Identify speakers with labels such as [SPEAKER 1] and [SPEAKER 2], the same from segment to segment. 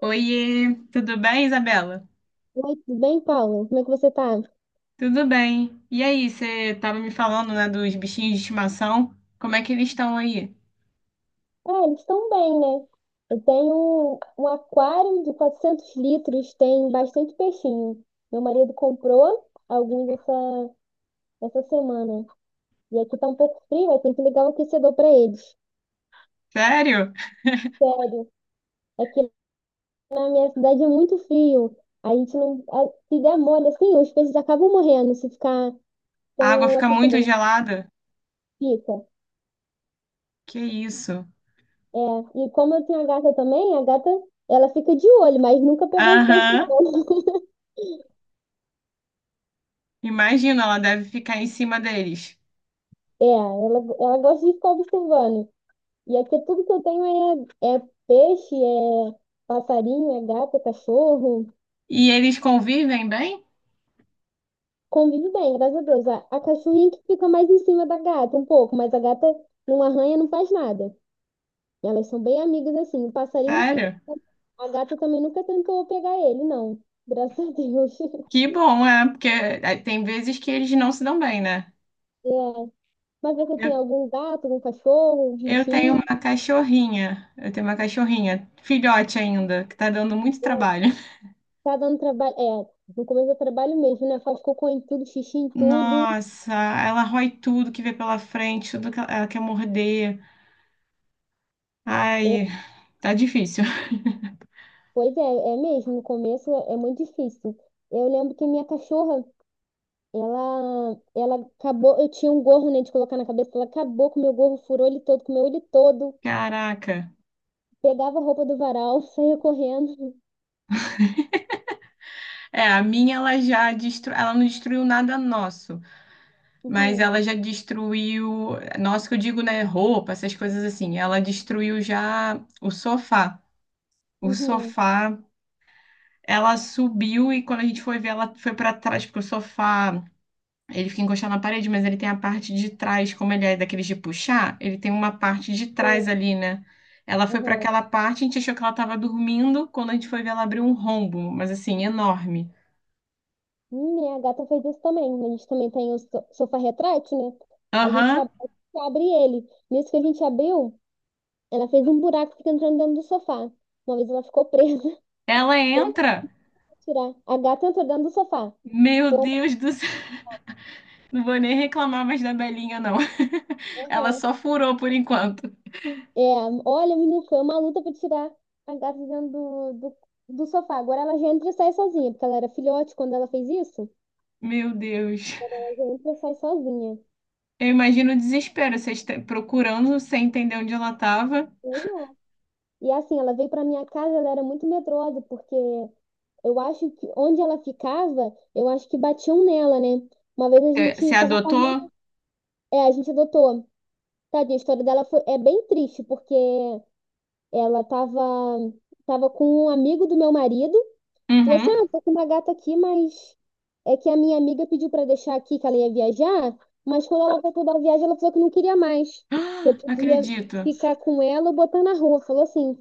[SPEAKER 1] Oiê, tudo bem, Isabela?
[SPEAKER 2] Oi, tudo bem, Paulo? Como é que você tá?
[SPEAKER 1] Tudo bem. E aí, você tava me falando, né, dos bichinhos de estimação? Como é que eles estão aí?
[SPEAKER 2] Ah, eles estão bem, né? Eu tenho um aquário de 400 litros, tem bastante peixinho. Meu marido comprou alguns essa semana. E aqui tá um pouco frio, eu tenho que ligar o aquecedor para eles.
[SPEAKER 1] Sério?
[SPEAKER 2] Sério, aqui na minha cidade é muito frio. A gente não. Se der mole, assim, os peixes acabam morrendo se ficar
[SPEAKER 1] A
[SPEAKER 2] sem
[SPEAKER 1] água
[SPEAKER 2] o
[SPEAKER 1] fica muito
[SPEAKER 2] aquecedor.
[SPEAKER 1] gelada?
[SPEAKER 2] Fica.
[SPEAKER 1] Que isso?
[SPEAKER 2] É. E como eu tenho a gata também, ela fica de olho, mas nunca pegou um peixe,
[SPEAKER 1] Aham.
[SPEAKER 2] não.
[SPEAKER 1] Imagina, ela deve ficar em cima deles.
[SPEAKER 2] É, ela gosta de ficar observando. E aqui tudo que eu tenho é peixe, é passarinho, é gato, é cachorro.
[SPEAKER 1] E eles convivem bem?
[SPEAKER 2] Convive bem, graças a Deus. A cachorrinha que fica mais em cima da gata, um pouco, mas a gata não arranha, não faz nada. Elas são bem amigas assim. O passarinho,
[SPEAKER 1] Sério?
[SPEAKER 2] a gata também nunca tentou pegar ele, não. Graças a Deus.
[SPEAKER 1] Que bom, é, porque é, tem vezes que eles não se dão bem, né?
[SPEAKER 2] É. Mas você
[SPEAKER 1] Eu,
[SPEAKER 2] tem algum gato, algum cachorro, um
[SPEAKER 1] eu tenho
[SPEAKER 2] bichinho?
[SPEAKER 1] uma cachorrinha, eu tenho uma cachorrinha, filhote ainda, que tá dando muito trabalho.
[SPEAKER 2] Tá dando trabalho. É, no começo do trabalho mesmo, né? Faz cocô em tudo, xixi em tudo.
[SPEAKER 1] Nossa, ela rói tudo que vê pela frente, tudo que ela quer morder.
[SPEAKER 2] É,
[SPEAKER 1] Ai, tá difícil.
[SPEAKER 2] pois é, é mesmo, no começo é muito difícil. Eu lembro que minha cachorra, ela acabou, eu tinha um gorro, né, de colocar na cabeça, ela acabou com o meu gorro, furou ele todo, comeu ele todo,
[SPEAKER 1] Caraca.
[SPEAKER 2] pegava a roupa do varal, saía correndo.
[SPEAKER 1] É, a minha ela já destruiu, ela não destruiu nada nosso, mas
[SPEAKER 2] Uhum,
[SPEAKER 1] ela já destruiu, nosso que eu digo, né, roupa, essas coisas assim. Ela destruiu já o sofá. O
[SPEAKER 2] uhum,
[SPEAKER 1] sofá, ela subiu e quando a gente foi ver, ela foi para trás, porque o sofá ele fica encostado na parede, mas ele tem a parte de trás, como ele é daqueles de puxar, ele tem uma parte de trás
[SPEAKER 2] sim,
[SPEAKER 1] ali, né? Ela foi para
[SPEAKER 2] uhum.
[SPEAKER 1] aquela parte, a gente achou que ela estava dormindo, quando a gente foi ver, ela abriu um rombo, mas assim, enorme.
[SPEAKER 2] Minha gata fez isso também, a gente também tem o sofá retrátil, né, a gente
[SPEAKER 1] Aham,
[SPEAKER 2] abre ele. Nisso que a gente abriu, ela fez um buraco, e fica entrando dentro do sofá. Uma vez ela ficou presa,
[SPEAKER 1] ela
[SPEAKER 2] foi mal
[SPEAKER 1] entra.
[SPEAKER 2] tirar. A gata entrou dentro do sofá.
[SPEAKER 1] Meu Deus do céu, não vou nem reclamar mais da Belinha, não. Ela
[SPEAKER 2] Aham.
[SPEAKER 1] só furou por enquanto.
[SPEAKER 2] É, olha, menino, foi uma luta pra tirar a gata de dentro do sofá. Agora ela já entra e sai sozinha, porque ela era filhote quando ela fez isso.
[SPEAKER 1] Meu Deus.
[SPEAKER 2] Ela já entra e sai sozinha.
[SPEAKER 1] Eu imagino o desespero, vocês procurando sem entender onde ela estava.
[SPEAKER 2] Pois é. E assim, ela veio pra minha casa, ela era muito medrosa, porque eu acho que onde ela ficava, eu acho que batiam nela, né? Uma vez a
[SPEAKER 1] Você
[SPEAKER 2] gente tava
[SPEAKER 1] adotou?
[SPEAKER 2] correndo. É, a gente adotou. Tadinha, a história dela foi, é bem triste, porque ela tava com um amigo do meu marido. Falou assim:
[SPEAKER 1] Uhum.
[SPEAKER 2] ah, tô com uma gata aqui, mas é que a minha amiga pediu pra deixar aqui que ela ia viajar, mas quando ela voltou da viagem, ela falou que não queria mais, que eu
[SPEAKER 1] Ah, não
[SPEAKER 2] podia
[SPEAKER 1] acredito.
[SPEAKER 2] ficar com ela ou botar na rua. Falou assim.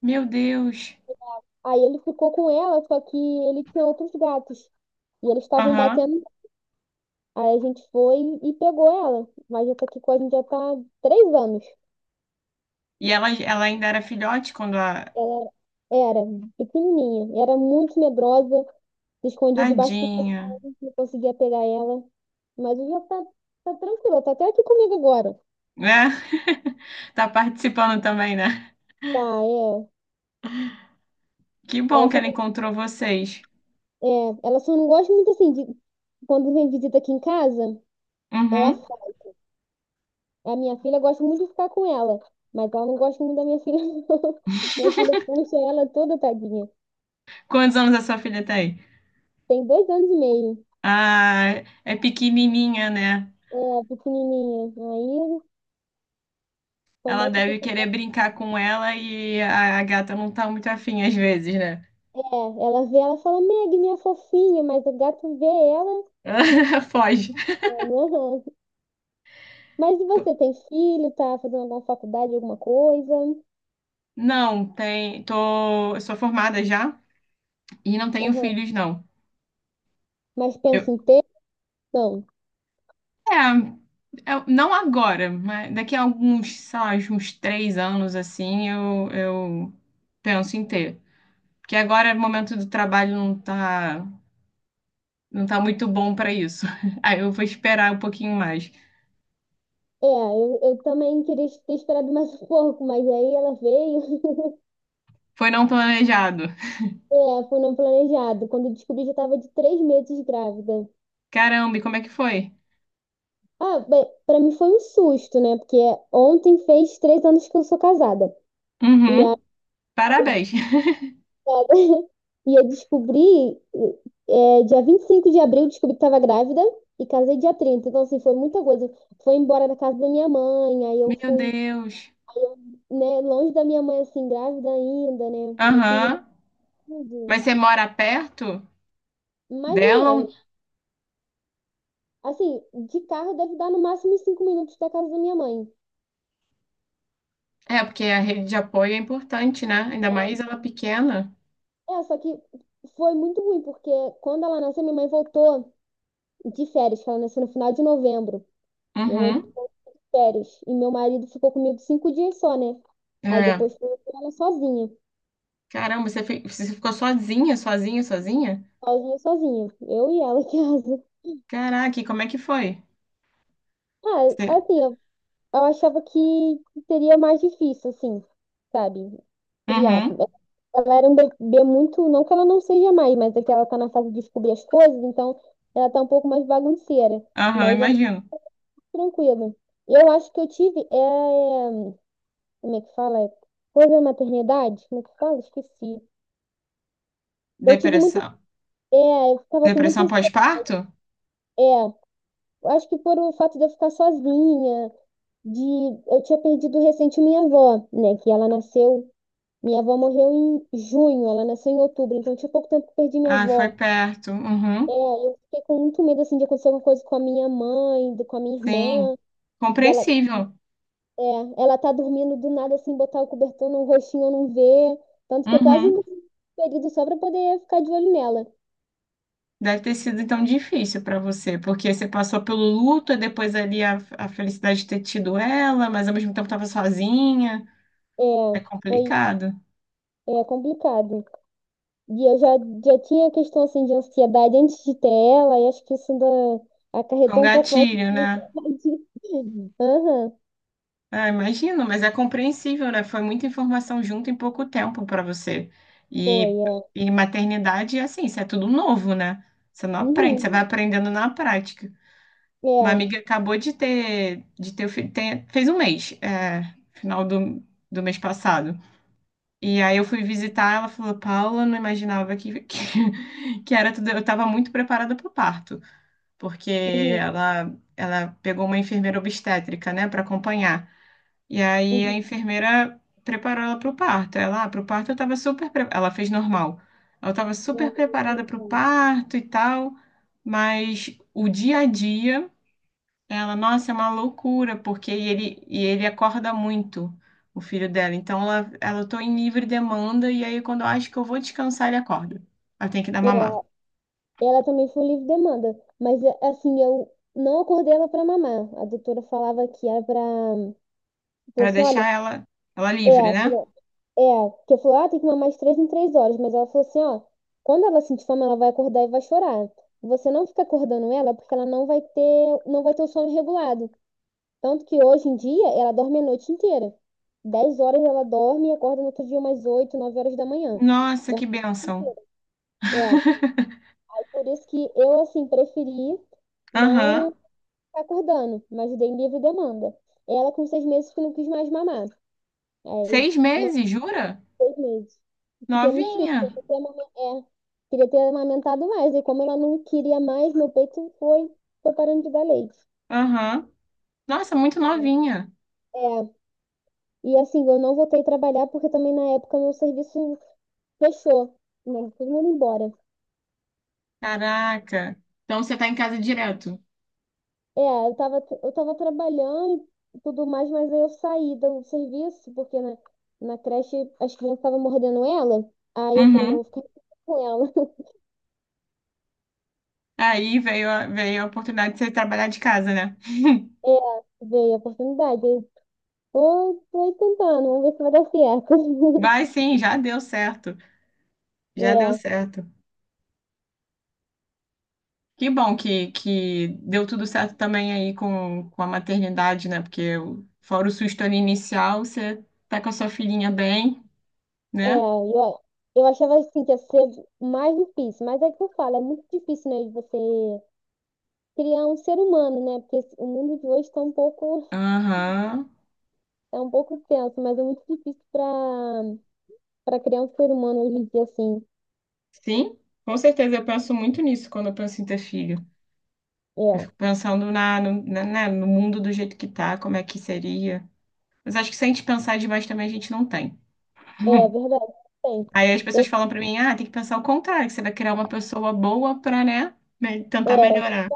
[SPEAKER 1] Meu Deus.
[SPEAKER 2] Aí ele ficou com ela, só que ele tinha outros gatos. E eles estavam
[SPEAKER 1] Aham.
[SPEAKER 2] batendo. Aí a gente foi e pegou ela. Mas já tá aqui com a gente, já tá há 3 anos.
[SPEAKER 1] E ela ainda era filhote quando a.
[SPEAKER 2] Ela era pequenininha, era muito medrosa, se escondia debaixo do
[SPEAKER 1] Tadinha.
[SPEAKER 2] colchão, não conseguia pegar ela. Mas hoje ela tá tranquila, tá até aqui comigo agora.
[SPEAKER 1] Né? Tá participando também, né?
[SPEAKER 2] Tá, é.
[SPEAKER 1] Que bom
[SPEAKER 2] Ela
[SPEAKER 1] que
[SPEAKER 2] só,
[SPEAKER 1] ela encontrou vocês.
[SPEAKER 2] é, ela só não gosta muito assim de quando vem visita aqui em casa, ela
[SPEAKER 1] Uhum.
[SPEAKER 2] fala. A minha filha gosta muito de ficar com ela, mas ela não gosta muito da minha filha, não. Minha filha puxa ela toda tadinha.
[SPEAKER 1] Quantos anos a sua filha tem?
[SPEAKER 2] Tem 2 anos e meio.
[SPEAKER 1] Ah, é pequenininha, né?
[SPEAKER 2] É, pequenininha. Aí
[SPEAKER 1] Ela
[SPEAKER 2] começa a
[SPEAKER 1] deve
[SPEAKER 2] puxar.
[SPEAKER 1] querer brincar com ela e a gata não tá muito afim às vezes, né?
[SPEAKER 2] É, ela vê ela e fala, Meg, minha fofinha, mas o gato vê ela.
[SPEAKER 1] Foge.
[SPEAKER 2] Aham. Mas e você tem filho, tá fazendo alguma faculdade, alguma coisa?
[SPEAKER 1] Não, tem. Eu sou formada já e não tenho
[SPEAKER 2] Aham.
[SPEAKER 1] filhos, não.
[SPEAKER 2] Mas pensa
[SPEAKER 1] Eu,
[SPEAKER 2] em ter? Não.
[SPEAKER 1] É, não agora, mas daqui a alguns, sei lá, uns 3 anos assim, eu penso em ter. Porque agora o momento do trabalho não tá, muito bom para isso. Aí eu vou esperar um pouquinho mais.
[SPEAKER 2] É, eu também queria ter esperado mais um pouco, mas aí ela veio.
[SPEAKER 1] Foi não planejado.
[SPEAKER 2] É, foi não planejado. Quando eu descobri, já estava de 3 meses grávida.
[SPEAKER 1] Caramba, e como é que foi?
[SPEAKER 2] Ah, bem, pra mim foi um susto, né? Porque ontem fez 3 anos que eu sou casada. E aí
[SPEAKER 1] Uhum,
[SPEAKER 2] eu
[SPEAKER 1] parabéns.
[SPEAKER 2] E eu descobri, dia 25 de abril, eu descobri que tava grávida e casei dia 30. Então, assim, foi muita coisa. Foi embora da casa da minha mãe, aí eu
[SPEAKER 1] Meu
[SPEAKER 2] fui,
[SPEAKER 1] Deus.
[SPEAKER 2] né, longe da minha mãe, assim, grávida ainda, né? Uma
[SPEAKER 1] Aham.
[SPEAKER 2] criança.
[SPEAKER 1] Mas você mora perto
[SPEAKER 2] Mais ou
[SPEAKER 1] dela?
[SPEAKER 2] menos. Assim, de carro deve dar no máximo uns 5 minutos da casa da minha mãe.
[SPEAKER 1] É, porque a rede de apoio é importante, né? Ainda mais ela pequena.
[SPEAKER 2] É, só que foi muito ruim, porque quando ela nasceu, minha mãe voltou de férias, que ela nasceu no final de novembro. Minha mãe
[SPEAKER 1] Uhum.
[SPEAKER 2] férias. E meu marido ficou comigo 5 dias só, né? Aí
[SPEAKER 1] É.
[SPEAKER 2] depois foi eu com ela sozinha.
[SPEAKER 1] Caramba, você ficou sozinha, sozinha, sozinha?
[SPEAKER 2] Sozinha, sozinha. Eu e ela em casa.
[SPEAKER 1] Caraca, e como é que foi?
[SPEAKER 2] Ah,
[SPEAKER 1] Você...
[SPEAKER 2] assim, eu achava que seria mais difícil, assim, sabe? Criar.
[SPEAKER 1] Uhum,
[SPEAKER 2] Ela era um bebê muito. Não que ela não seja mais, mas é que ela tá na fase de descobrir as coisas, então ela tá um pouco mais bagunceira.
[SPEAKER 1] aham,
[SPEAKER 2] Mas ela é
[SPEAKER 1] imagino.
[SPEAKER 2] tranquila. Eu acho que eu tive. É, como é que fala? Coisa da maternidade? Como é que fala? Esqueci. Eu tive muita
[SPEAKER 1] Depressão.
[SPEAKER 2] É, eu ficava com muita
[SPEAKER 1] Depressão
[SPEAKER 2] ansiedade.
[SPEAKER 1] pós-parto?
[SPEAKER 2] É, eu acho que por o fato de eu ficar sozinha, de eu tinha perdido recente minha avó, né? Que ela nasceu, minha avó morreu em junho, ela nasceu em outubro, então tinha pouco tempo que perdi minha
[SPEAKER 1] Ah, foi
[SPEAKER 2] avó.
[SPEAKER 1] perto.
[SPEAKER 2] É,
[SPEAKER 1] Uhum,
[SPEAKER 2] eu fiquei com muito medo assim de acontecer alguma coisa com a minha mãe, com a minha
[SPEAKER 1] sim.
[SPEAKER 2] irmã, dela,
[SPEAKER 1] Compreensível.
[SPEAKER 2] é, ela tá dormindo do nada assim, botar o cobertor no rostinho eu não ver, tanto que eu quase não
[SPEAKER 1] Uhum.
[SPEAKER 2] período só pra poder ficar de olho nela.
[SPEAKER 1] Deve ter sido então difícil para você, porque você passou pelo luto, e depois ali a felicidade de ter tido ela, mas ao mesmo tempo estava sozinha.
[SPEAKER 2] É,
[SPEAKER 1] É
[SPEAKER 2] foi,
[SPEAKER 1] complicado.
[SPEAKER 2] é complicado. E eu já tinha questão assim de ansiedade antes de ter ela, e acho que isso ainda
[SPEAKER 1] Foi um
[SPEAKER 2] acarretou um pouco mais de
[SPEAKER 1] gatilho, né?
[SPEAKER 2] ansiedade. Aham,
[SPEAKER 1] Ah, imagino, mas é compreensível, né? Foi muita informação junto em pouco tempo para você.
[SPEAKER 2] foi,
[SPEAKER 1] E,
[SPEAKER 2] é.
[SPEAKER 1] e maternidade é assim, isso é tudo novo, né? Você não aprende,
[SPEAKER 2] Uhum,
[SPEAKER 1] você vai aprendendo na prática. Uma
[SPEAKER 2] é.
[SPEAKER 1] amiga acabou de ter, fez um mês, é, final do mês passado. E aí eu fui visitar, ela falou, Paula, eu não imaginava que, que era tudo. Eu estava muito preparada para o parto, porque
[SPEAKER 2] Uhum,
[SPEAKER 1] ela pegou uma enfermeira obstétrica, né, para acompanhar. E aí a
[SPEAKER 2] uhum,
[SPEAKER 1] enfermeira preparou ela para o parto. Ah, para o parto eu estava super, ela fez normal. Ela estava super
[SPEAKER 2] é.
[SPEAKER 1] preparada para o parto e tal, mas o dia a dia, ela, nossa, é uma loucura, porque ele acorda muito, o filho dela. Então ela, tô em livre demanda e aí quando eu acho que eu vou descansar, ele acorda. Ela tem que dar
[SPEAKER 2] É, é.
[SPEAKER 1] mamar
[SPEAKER 2] Ela também foi livre demanda, mas é, assim, eu não acordei ela para mamar. A doutora falava que era para. Falou
[SPEAKER 1] para
[SPEAKER 2] assim:
[SPEAKER 1] deixar
[SPEAKER 2] olha,
[SPEAKER 1] ela livre,
[SPEAKER 2] é,
[SPEAKER 1] né?
[SPEAKER 2] falou, É, porque falou, ah, tem que mamar de 3 em 3 horas. Mas ela falou assim, ó, quando ela sentir fome, ela vai acordar e vai chorar. Você não fica acordando ela porque ela não vai ter o sono regulado. Tanto que hoje em dia ela dorme a noite inteira. 10 horas ela dorme e acorda no outro dia umas 8, 9 horas da manhã.
[SPEAKER 1] Nossa,
[SPEAKER 2] Dor-
[SPEAKER 1] que bênção.
[SPEAKER 2] É, aí por isso que eu, assim, preferi
[SPEAKER 1] Aham.
[SPEAKER 2] não ficar acordando, mas dei livre demanda. Ela com 6 meses que não quis mais mamar. Aí
[SPEAKER 1] 6 meses, jura?
[SPEAKER 2] 6 meses. Fiquei muito triste,
[SPEAKER 1] Novinha.
[SPEAKER 2] porque eu queria ter amamentado mais. E como ela não queria mais, meu peito foi parando de dar leite.
[SPEAKER 1] Aham. Nossa, muito novinha.
[SPEAKER 2] É, e assim, eu não voltei a trabalhar porque também na época meu serviço fechou, né? Todo mundo embora.
[SPEAKER 1] Caraca. Então você tá em casa direto.
[SPEAKER 2] É, eu tava trabalhando e tudo mais, mas aí eu saí do serviço porque na creche as crianças estavam mordendo ela. Aí eu falei, não,
[SPEAKER 1] Uhum.
[SPEAKER 2] eu vou ficar com ela.
[SPEAKER 1] Aí veio a oportunidade de você trabalhar de casa, né?
[SPEAKER 2] É, veio a oportunidade. Tô tentando, vamos ver se vai dar certo.
[SPEAKER 1] Vai sim, já deu certo. Já deu
[SPEAKER 2] É,
[SPEAKER 1] certo. Que bom que deu tudo certo também aí com a maternidade, né? Porque fora o susto ali inicial, você tá com a sua filhinha bem,
[SPEAKER 2] é,
[SPEAKER 1] né?
[SPEAKER 2] eu, eu achava assim que ia ser mais difícil, mas é que eu falo, é muito difícil, né, de você criar um ser humano, né? Porque o mundo de hoje tá um pouco,
[SPEAKER 1] Aham.
[SPEAKER 2] é um pouco tenso, mas é muito difícil para criar um ser humano hoje em dia, assim.
[SPEAKER 1] Sim, com certeza. Eu penso muito nisso quando eu penso em ter filho. Eu
[SPEAKER 2] É,
[SPEAKER 1] fico pensando na, no, na, né, no mundo do jeito que tá, como é que seria. Mas acho que se a gente pensar demais também, a gente não tem.
[SPEAKER 2] é verdade, tem.
[SPEAKER 1] Aí as pessoas falam pra mim, ah, tem que pensar o contrário, que você vai criar uma pessoa boa pra, né, tentar
[SPEAKER 2] Eu,
[SPEAKER 1] melhorar.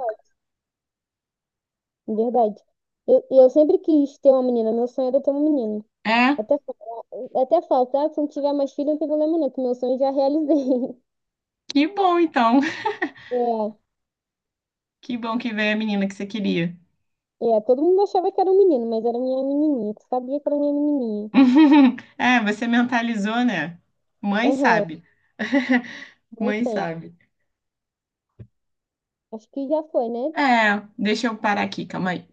[SPEAKER 2] é, verdade. Eu sempre quis ter uma menina, meu sonho era ter uma menina.
[SPEAKER 1] É,
[SPEAKER 2] Até faltar, se não tiver mais filho, não tem problema não, que meu sonho eu já realizei.
[SPEAKER 1] que bom então.
[SPEAKER 2] É,
[SPEAKER 1] Que bom que veio a menina que você queria.
[SPEAKER 2] é, todo mundo achava que era um menino, mas era minha menininha, tu sabia que era minha menininha.
[SPEAKER 1] É, você mentalizou, né? Mãe
[SPEAKER 2] Aham,
[SPEAKER 1] sabe.
[SPEAKER 2] não
[SPEAKER 1] Mãe
[SPEAKER 2] sei.
[SPEAKER 1] sabe.
[SPEAKER 2] Acho que já foi, né?
[SPEAKER 1] É, deixa eu parar aqui, calma aí.